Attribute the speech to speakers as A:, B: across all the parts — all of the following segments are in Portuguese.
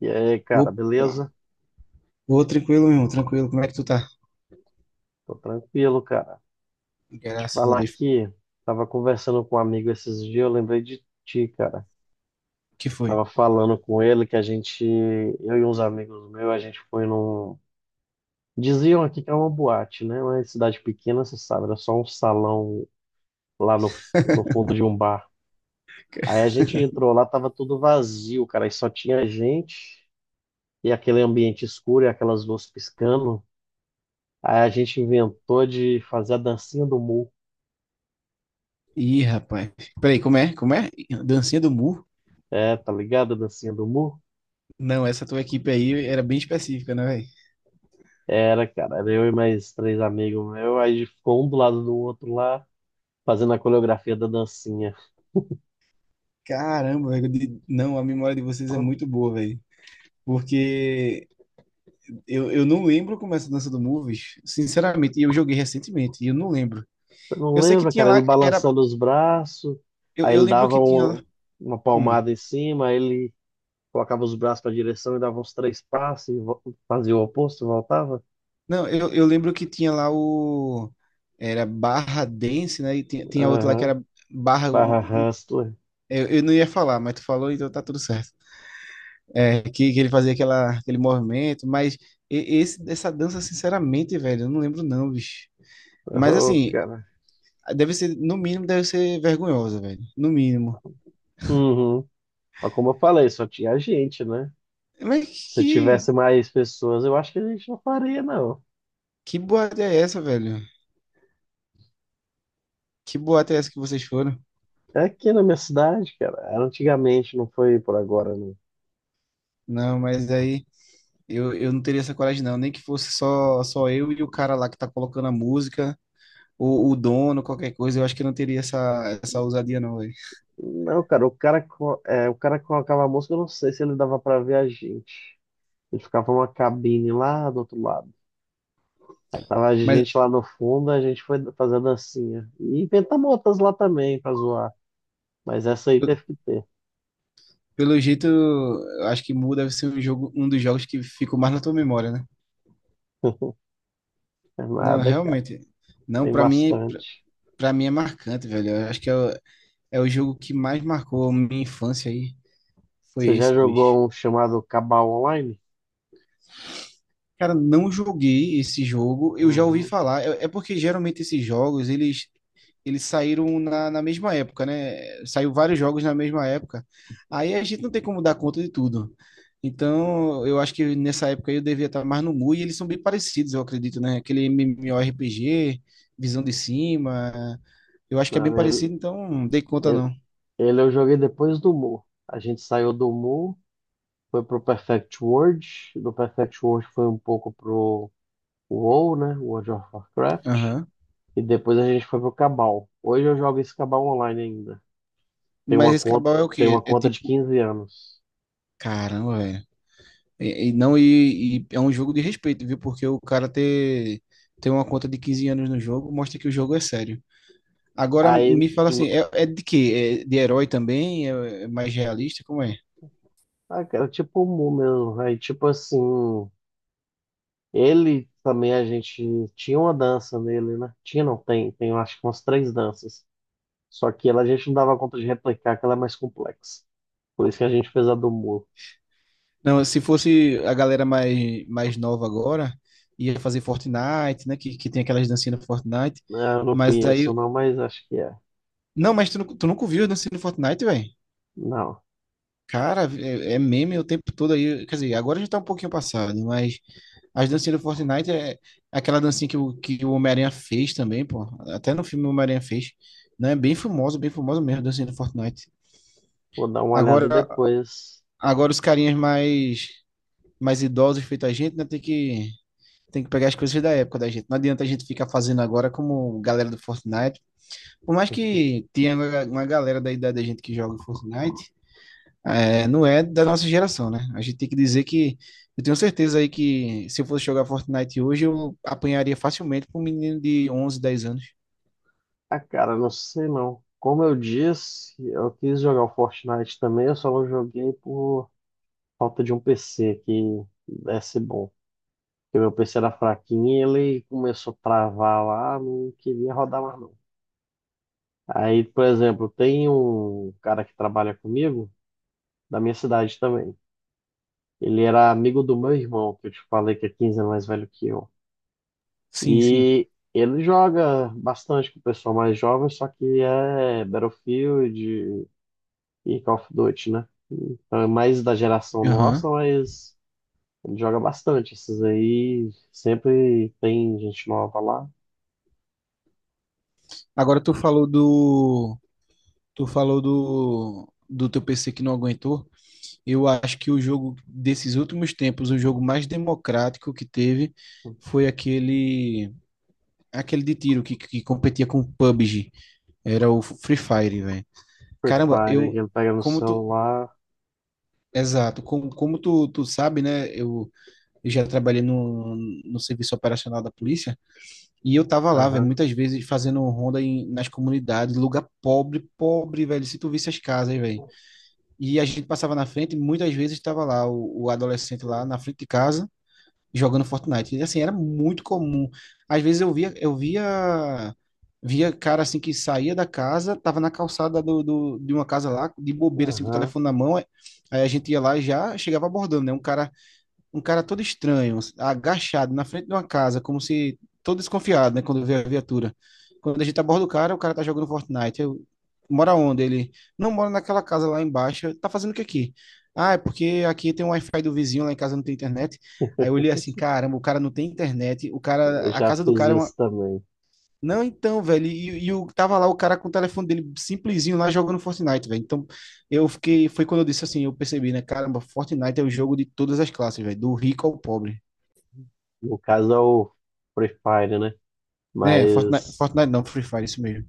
A: E aí, cara,
B: Opa!
A: beleza?
B: Ô, tranquilo, meu tranquilo. Como é que tu tá?
A: Tô tranquilo, cara. Te
B: Graças a
A: falar
B: Deus.
A: aqui, tava conversando com um amigo esses dias, eu lembrei de ti, cara.
B: O que foi?
A: Tava falando com ele que a gente, eu e uns amigos meus, a gente foi num. Diziam aqui que é uma boate, né? Uma cidade pequena, você sabe, era só um salão lá no fundo de um bar. Aí a gente entrou lá, tava tudo vazio, cara, e só tinha gente, e aquele ambiente escuro, e aquelas luzes piscando. Aí a gente inventou de fazer a dancinha do Mu.
B: Ih, rapaz. Peraí, como é? Como é? Dancinha do burro?
A: É, tá ligado? A dancinha do Mu?
B: Não, essa tua equipe aí era bem específica, né, velho?
A: Era, cara. Era eu e mais três amigos meus. Aí ficou um do lado do outro lá, fazendo a coreografia da dancinha.
B: Caramba, velho. Não, a memória de vocês é muito boa, velho. Porque eu não lembro como é essa dança do Moves, sinceramente. E eu joguei recentemente e eu não lembro.
A: Você não
B: Eu sei que
A: lembra,
B: tinha
A: cara? Ele
B: lá, era.
A: balançando os braços,
B: Eu,
A: aí
B: eu
A: ele
B: lembro
A: dava
B: que tinha lá.
A: uma
B: Hum.
A: palmada em cima, aí ele colocava os braços para direção e dava uns três passos e fazia o oposto, voltava.
B: Não, eu lembro que tinha lá o. Era Barra Dance, né? E tinha outro lá que
A: Aham.
B: era Barra.
A: Barra Hustler.
B: Eu não ia falar, mas tu falou, então tá tudo certo. É, que ele fazia aquela, aquele movimento, mas essa dança, sinceramente, velho, eu não lembro não, bicho. Mas
A: Oh,
B: assim,
A: cara.
B: deve ser, no mínimo, deve ser vergonhosa, velho. No mínimo.
A: Uhum. Mas como eu falei, só tinha gente, né?
B: Mas
A: Se
B: que,
A: tivesse mais pessoas, eu acho que a gente não faria, não.
B: que boate é essa, velho? Que boate é essa que vocês foram?
A: É aqui na minha cidade, cara. Era antigamente, não foi por agora, não.
B: Não, mas aí. Eu não teria essa coragem, não. Nem que fosse só eu e o cara lá que tá colocando a música, ou o dono, qualquer coisa. Eu acho que eu não teria essa ousadia, não, velho.
A: Não, cara, o cara que colocava a música, eu não sei se ele dava pra ver a gente. Ele ficava uma cabine lá do outro lado. Aí tava a
B: Mas,
A: gente lá no fundo, a gente foi fazer a dancinha. E inventamos outras lá também pra zoar. Mas essa aí
B: eu-
A: teve que ter.
B: pelo jeito, eu acho que Mu deve ser um jogo, um dos jogos que ficou mais na tua memória, né?
A: É
B: Não,
A: nada, cara.
B: realmente. Não,
A: Tem
B: pra mim, pra,
A: bastante.
B: pra mim é marcante, velho. Eu acho que é o jogo que mais marcou a minha infância aí. Foi
A: Você já
B: esse, bicho.
A: jogou um chamado Cabal Online?
B: Cara, não joguei esse jogo, eu já ouvi
A: Uhum.
B: falar. É porque geralmente esses jogos, eles saíram na mesma época, né? Saiu vários jogos na mesma época. Aí a gente não tem como dar conta de tudo. Então, eu acho que nessa época eu devia estar mais no mu e eles são bem parecidos, eu acredito, né? Aquele MMORPG, visão de cima. Eu acho que é bem
A: Não,
B: parecido, então não dei conta
A: ele,
B: não.
A: ele eu joguei depois do Mu. A gente saiu do Mu. Foi pro Perfect World, do Perfect World foi um pouco pro WoW, né? World of Warcraft.
B: Aham.
A: E depois a gente foi pro Cabal. Hoje eu jogo esse Cabal online ainda. Tem
B: Mas
A: uma
B: esse
A: conta,
B: Cabal é o
A: tem
B: quê?
A: uma
B: É
A: conta de
B: tipo,
A: 15 anos.
B: caramba, velho. E não, e é um jogo de respeito, viu? Porque o cara ter, ter uma conta de 15 anos no jogo mostra que o jogo é sério. Agora
A: Aí,
B: me fala assim, é de quê? É de herói também? É mais realista? Como é?
A: ah, cara, é tipo o Mu mesmo. Aí, tipo assim, ele também a gente tinha uma dança nele, né? Tinha, não, tem, eu acho que umas três danças. Só que ela a gente não dava conta de replicar, que ela é mais complexa. Por isso que a gente fez a do Mu,
B: Não, se fosse a galera mais nova agora, ia fazer Fortnite, né? Que tem aquelas dancinhas no Fortnite.
A: né? Eu não
B: Mas aí.
A: conheço, não, mas acho que é.
B: Não, mas tu nunca viu a dancinha no Fortnite, velho?
A: Não,
B: Cara, é meme o tempo todo aí. Quer dizer, agora já tá um pouquinho passado, mas as dancinhas do Fortnite é aquela dancinha que o Homem-Aranha fez também, pô. Até no filme o Homem-Aranha fez. Né? Bem famosa mesmo a dancinha do Fortnite.
A: vou dar uma olhada
B: Agora,
A: depois.
B: agora os carinhas mais idosos feito a gente, né? Tem que pegar as coisas da época da gente. Não adianta a gente ficar fazendo agora como galera do Fortnite. Por mais que tenha uma galera da idade da gente que joga Fortnite, é, não é da nossa geração, né? A gente tem que dizer que eu tenho certeza aí que se eu fosse jogar Fortnite hoje, eu apanharia facilmente para um menino de 11 10 anos.
A: Ah, cara, não sei não. Como eu disse, eu quis jogar o Fortnite também, eu só não joguei por falta de um PC que desse bom. Porque meu PC era fraquinho e ele começou a travar lá, não queria rodar mais não. Aí, por exemplo, tem um cara que trabalha comigo, da minha cidade também. Ele era amigo do meu irmão, que eu te falei que é 15 anos mais velho que eu.
B: Sim, sim.
A: E ele joga bastante com o pessoal mais jovem, só que é Battlefield e Call of Duty, né? Então é mais da geração nossa,
B: Aham.
A: mas ele joga bastante. Esses aí sempre tem gente nova lá.
B: Agora tu falou do teu PC que não aguentou. Eu acho que o jogo desses últimos tempos, o jogo mais democrático que teve foi aquele de tiro que competia com o PUBG. Era o Free Fire, velho.
A: Free
B: Caramba,
A: Fire que
B: eu
A: ele pega no
B: como tu,
A: celular.
B: exato. Como tu sabe, né? Eu já trabalhei no serviço operacional da polícia e eu tava lá, velho,
A: Aham.
B: muitas vezes fazendo ronda nas comunidades, lugar pobre, pobre, velho. Se tu visse as casas, velho. E a gente passava na frente, e muitas vezes tava lá o adolescente lá na frente de casa jogando Fortnite. E, assim, era muito comum. Às vezes eu via cara assim que saía da casa, tava na calçada de uma casa lá, de bobeira, assim, com o
A: Aham.
B: telefone na mão. Aí a gente ia lá e já chegava abordando, né? Um cara todo estranho, agachado na frente de uma casa, como se todo desconfiado, né, quando vê a viatura. Quando a gente aborda o cara tá jogando Fortnite. Eu, mora onde? Ele não mora naquela casa lá embaixo. Tá fazendo o que aqui? Ah, é porque aqui tem um Wi-Fi do vizinho, lá em casa não tem internet. Aí eu olhei assim, caramba, o cara não tem internet. O cara,
A: Eu
B: a
A: já
B: casa do
A: fiz
B: cara é uma,
A: isso também.
B: não, então, velho, tava lá o cara com o telefone dele simplesinho lá jogando Fortnite, velho. Então, eu fiquei, foi quando eu disse assim, eu percebi, né, caramba, Fortnite é o jogo de todas as classes, velho, do rico ao pobre.
A: No caso é o Free Fire, né?
B: É, Fortnite,
A: Mas,
B: Fortnite não, Free Fire, isso mesmo.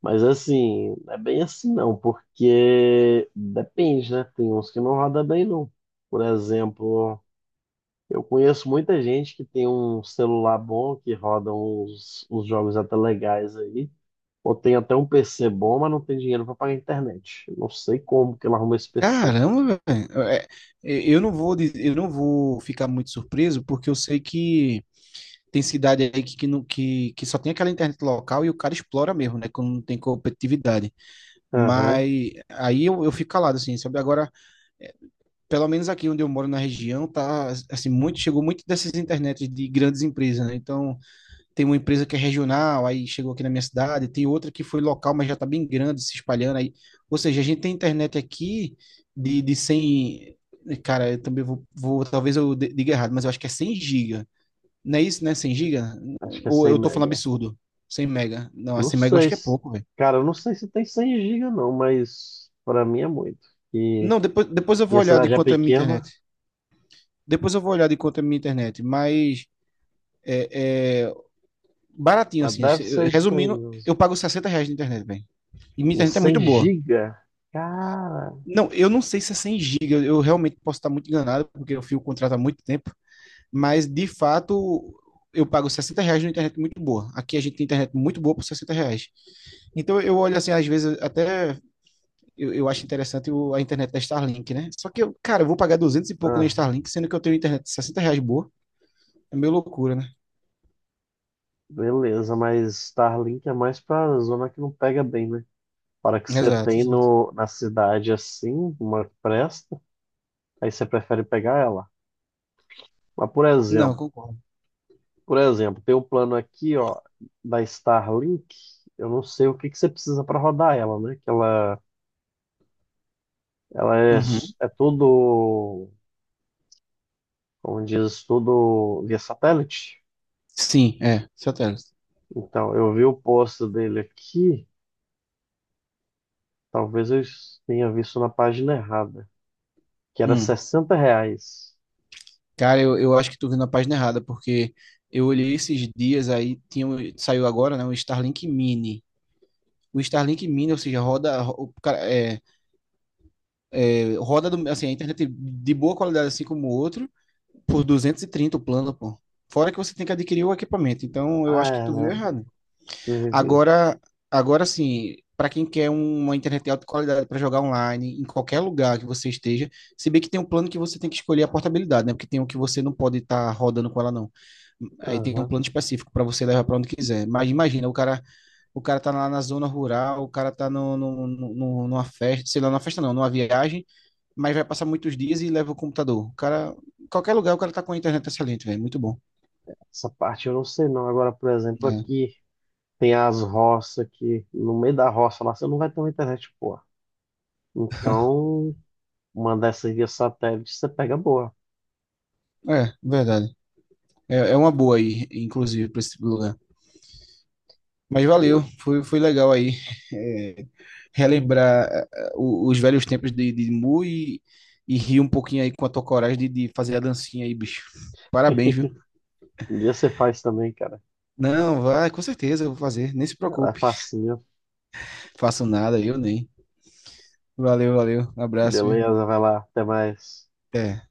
A: mas assim, não é bem assim não, porque depende, né? Tem uns que não roda bem não. Por exemplo, eu conheço muita gente que tem um celular bom, que roda uns jogos até legais aí, ou tem até um PC bom, mas não tem dinheiro para pagar a internet. Eu não sei como que ela arruma esse PC.
B: Caramba, velho, eu não vou, eu não vou ficar muito surpreso, porque eu sei que tem cidade aí que, não- que só tem aquela internet local e o cara explora mesmo, né, quando não tem competitividade.
A: Aham,
B: Mas aí eu fico calado, assim, sabe? Agora, pelo menos aqui onde eu moro na região, tá assim, muito chegou muito dessas internets de grandes empresas, né? Então, tem uma empresa que é regional, aí chegou aqui na minha cidade, tem outra que foi local, mas já tá bem grande, se espalhando aí. Ou seja, a gente tem internet aqui de 100 cara, eu também vou talvez eu diga errado, mas eu acho que é 100 giga. Não é isso, né? 100 giga?
A: acho que é
B: Ou
A: 100
B: eu tô falando
A: mega.
B: absurdo? 100 mega. Não,
A: Não
B: 100 mega eu acho
A: sei
B: que é
A: se,
B: pouco, velho.
A: cara, eu não sei se tem 100 gigas não, mas pra mim é muito. E
B: Não, depois eu vou
A: minha
B: olhar de
A: cidade é
B: quanto é a minha internet.
A: pequena,
B: Depois eu vou olhar de quanto é a minha internet, mas é, é, baratinho,
A: mas
B: assim.
A: deve ser isso aí
B: Resumindo, eu
A: mesmo.
B: pago R$ 60 de internet, velho. E minha
A: E
B: internet é
A: 100
B: muito boa.
A: giga? Cara,
B: Não, eu não sei se é 100 GB, eu, realmente posso estar muito enganado, porque eu fui o contrato há muito tempo, mas de fato eu pago R$ 60 numa internet muito boa. Aqui a gente tem internet muito boa por R$ 60. Então eu olho assim, às vezes até eu acho interessante a internet da Starlink, né? Só que, eu, cara, eu vou pagar 200 e pouco na
A: ah,
B: Starlink, sendo que eu tenho internet de R$ 60 boa. É meio loucura, né?
A: beleza, mas Starlink é mais pra zona que não pega bem, né? Para que você
B: Exato,
A: tem
B: exato.
A: no, na cidade assim, uma que presta, aí você prefere pegar ela. Mas por
B: Não,
A: exemplo,
B: concordo.
A: por exemplo, tem um plano aqui, ó, da Starlink, eu não sei o que que você precisa para rodar ela, né? Que ela Ela é,
B: Uhum.
A: s- é tudo, como diz, tudo via satélite.
B: Sim, é, satélite.
A: Então, eu vi o post dele aqui, talvez eu tenha visto na página errada, que era
B: Hum.
A: R$ 60.
B: Cara, eu acho que tu viu na página errada, porque eu olhei esses dias aí, tinha, saiu agora, né, o Starlink Mini. O Starlink Mini, ou seja, roda, ro- o cara- é, é, roda do- assim, a internet de boa qualidade, assim como o outro, por 230 o plano, pô. Fora que você tem que adquirir o equipamento, então eu
A: Ah,
B: acho que
A: é,
B: tu viu
A: né?
B: errado.
A: Vivi.
B: Agora, agora sim, para quem quer um, uma internet de alta qualidade para jogar online, em qualquer lugar que você esteja, se bem que tem um plano que você tem que escolher a portabilidade, né? Porque tem um que você não pode estar rodando com ela, não. Aí tem um
A: Aham.
B: plano específico para você levar para onde quiser. Mas imagina, o cara tá lá na zona rural, o cara tá numa festa, sei lá, numa festa não, numa viagem, mas vai passar muitos dias e leva o computador. O cara, qualquer lugar, o cara tá com a internet excelente, velho. Muito bom.
A: Essa parte eu não sei não. Agora, por exemplo, aqui tem as roças aqui, no meio da roça lá, você não vai ter uma internet boa. Então, uma dessas via satélite, você pega boa.
B: É, é verdade. É uma boa aí, inclusive, para esse lugar. Mas
A: E
B: valeu, foi legal aí é, relembrar os velhos tempos de Mu e rir um pouquinho aí com a tua coragem de fazer a dancinha aí, bicho. Parabéns, viu?
A: Um dia você faz também, cara.
B: Não, vai, com certeza eu vou fazer. Nem se
A: Ela é
B: preocupe.
A: facinho.
B: Faço nada, eu nem. Valeu, valeu. Abraço, viu?
A: Beleza, vai lá, até mais.
B: Até.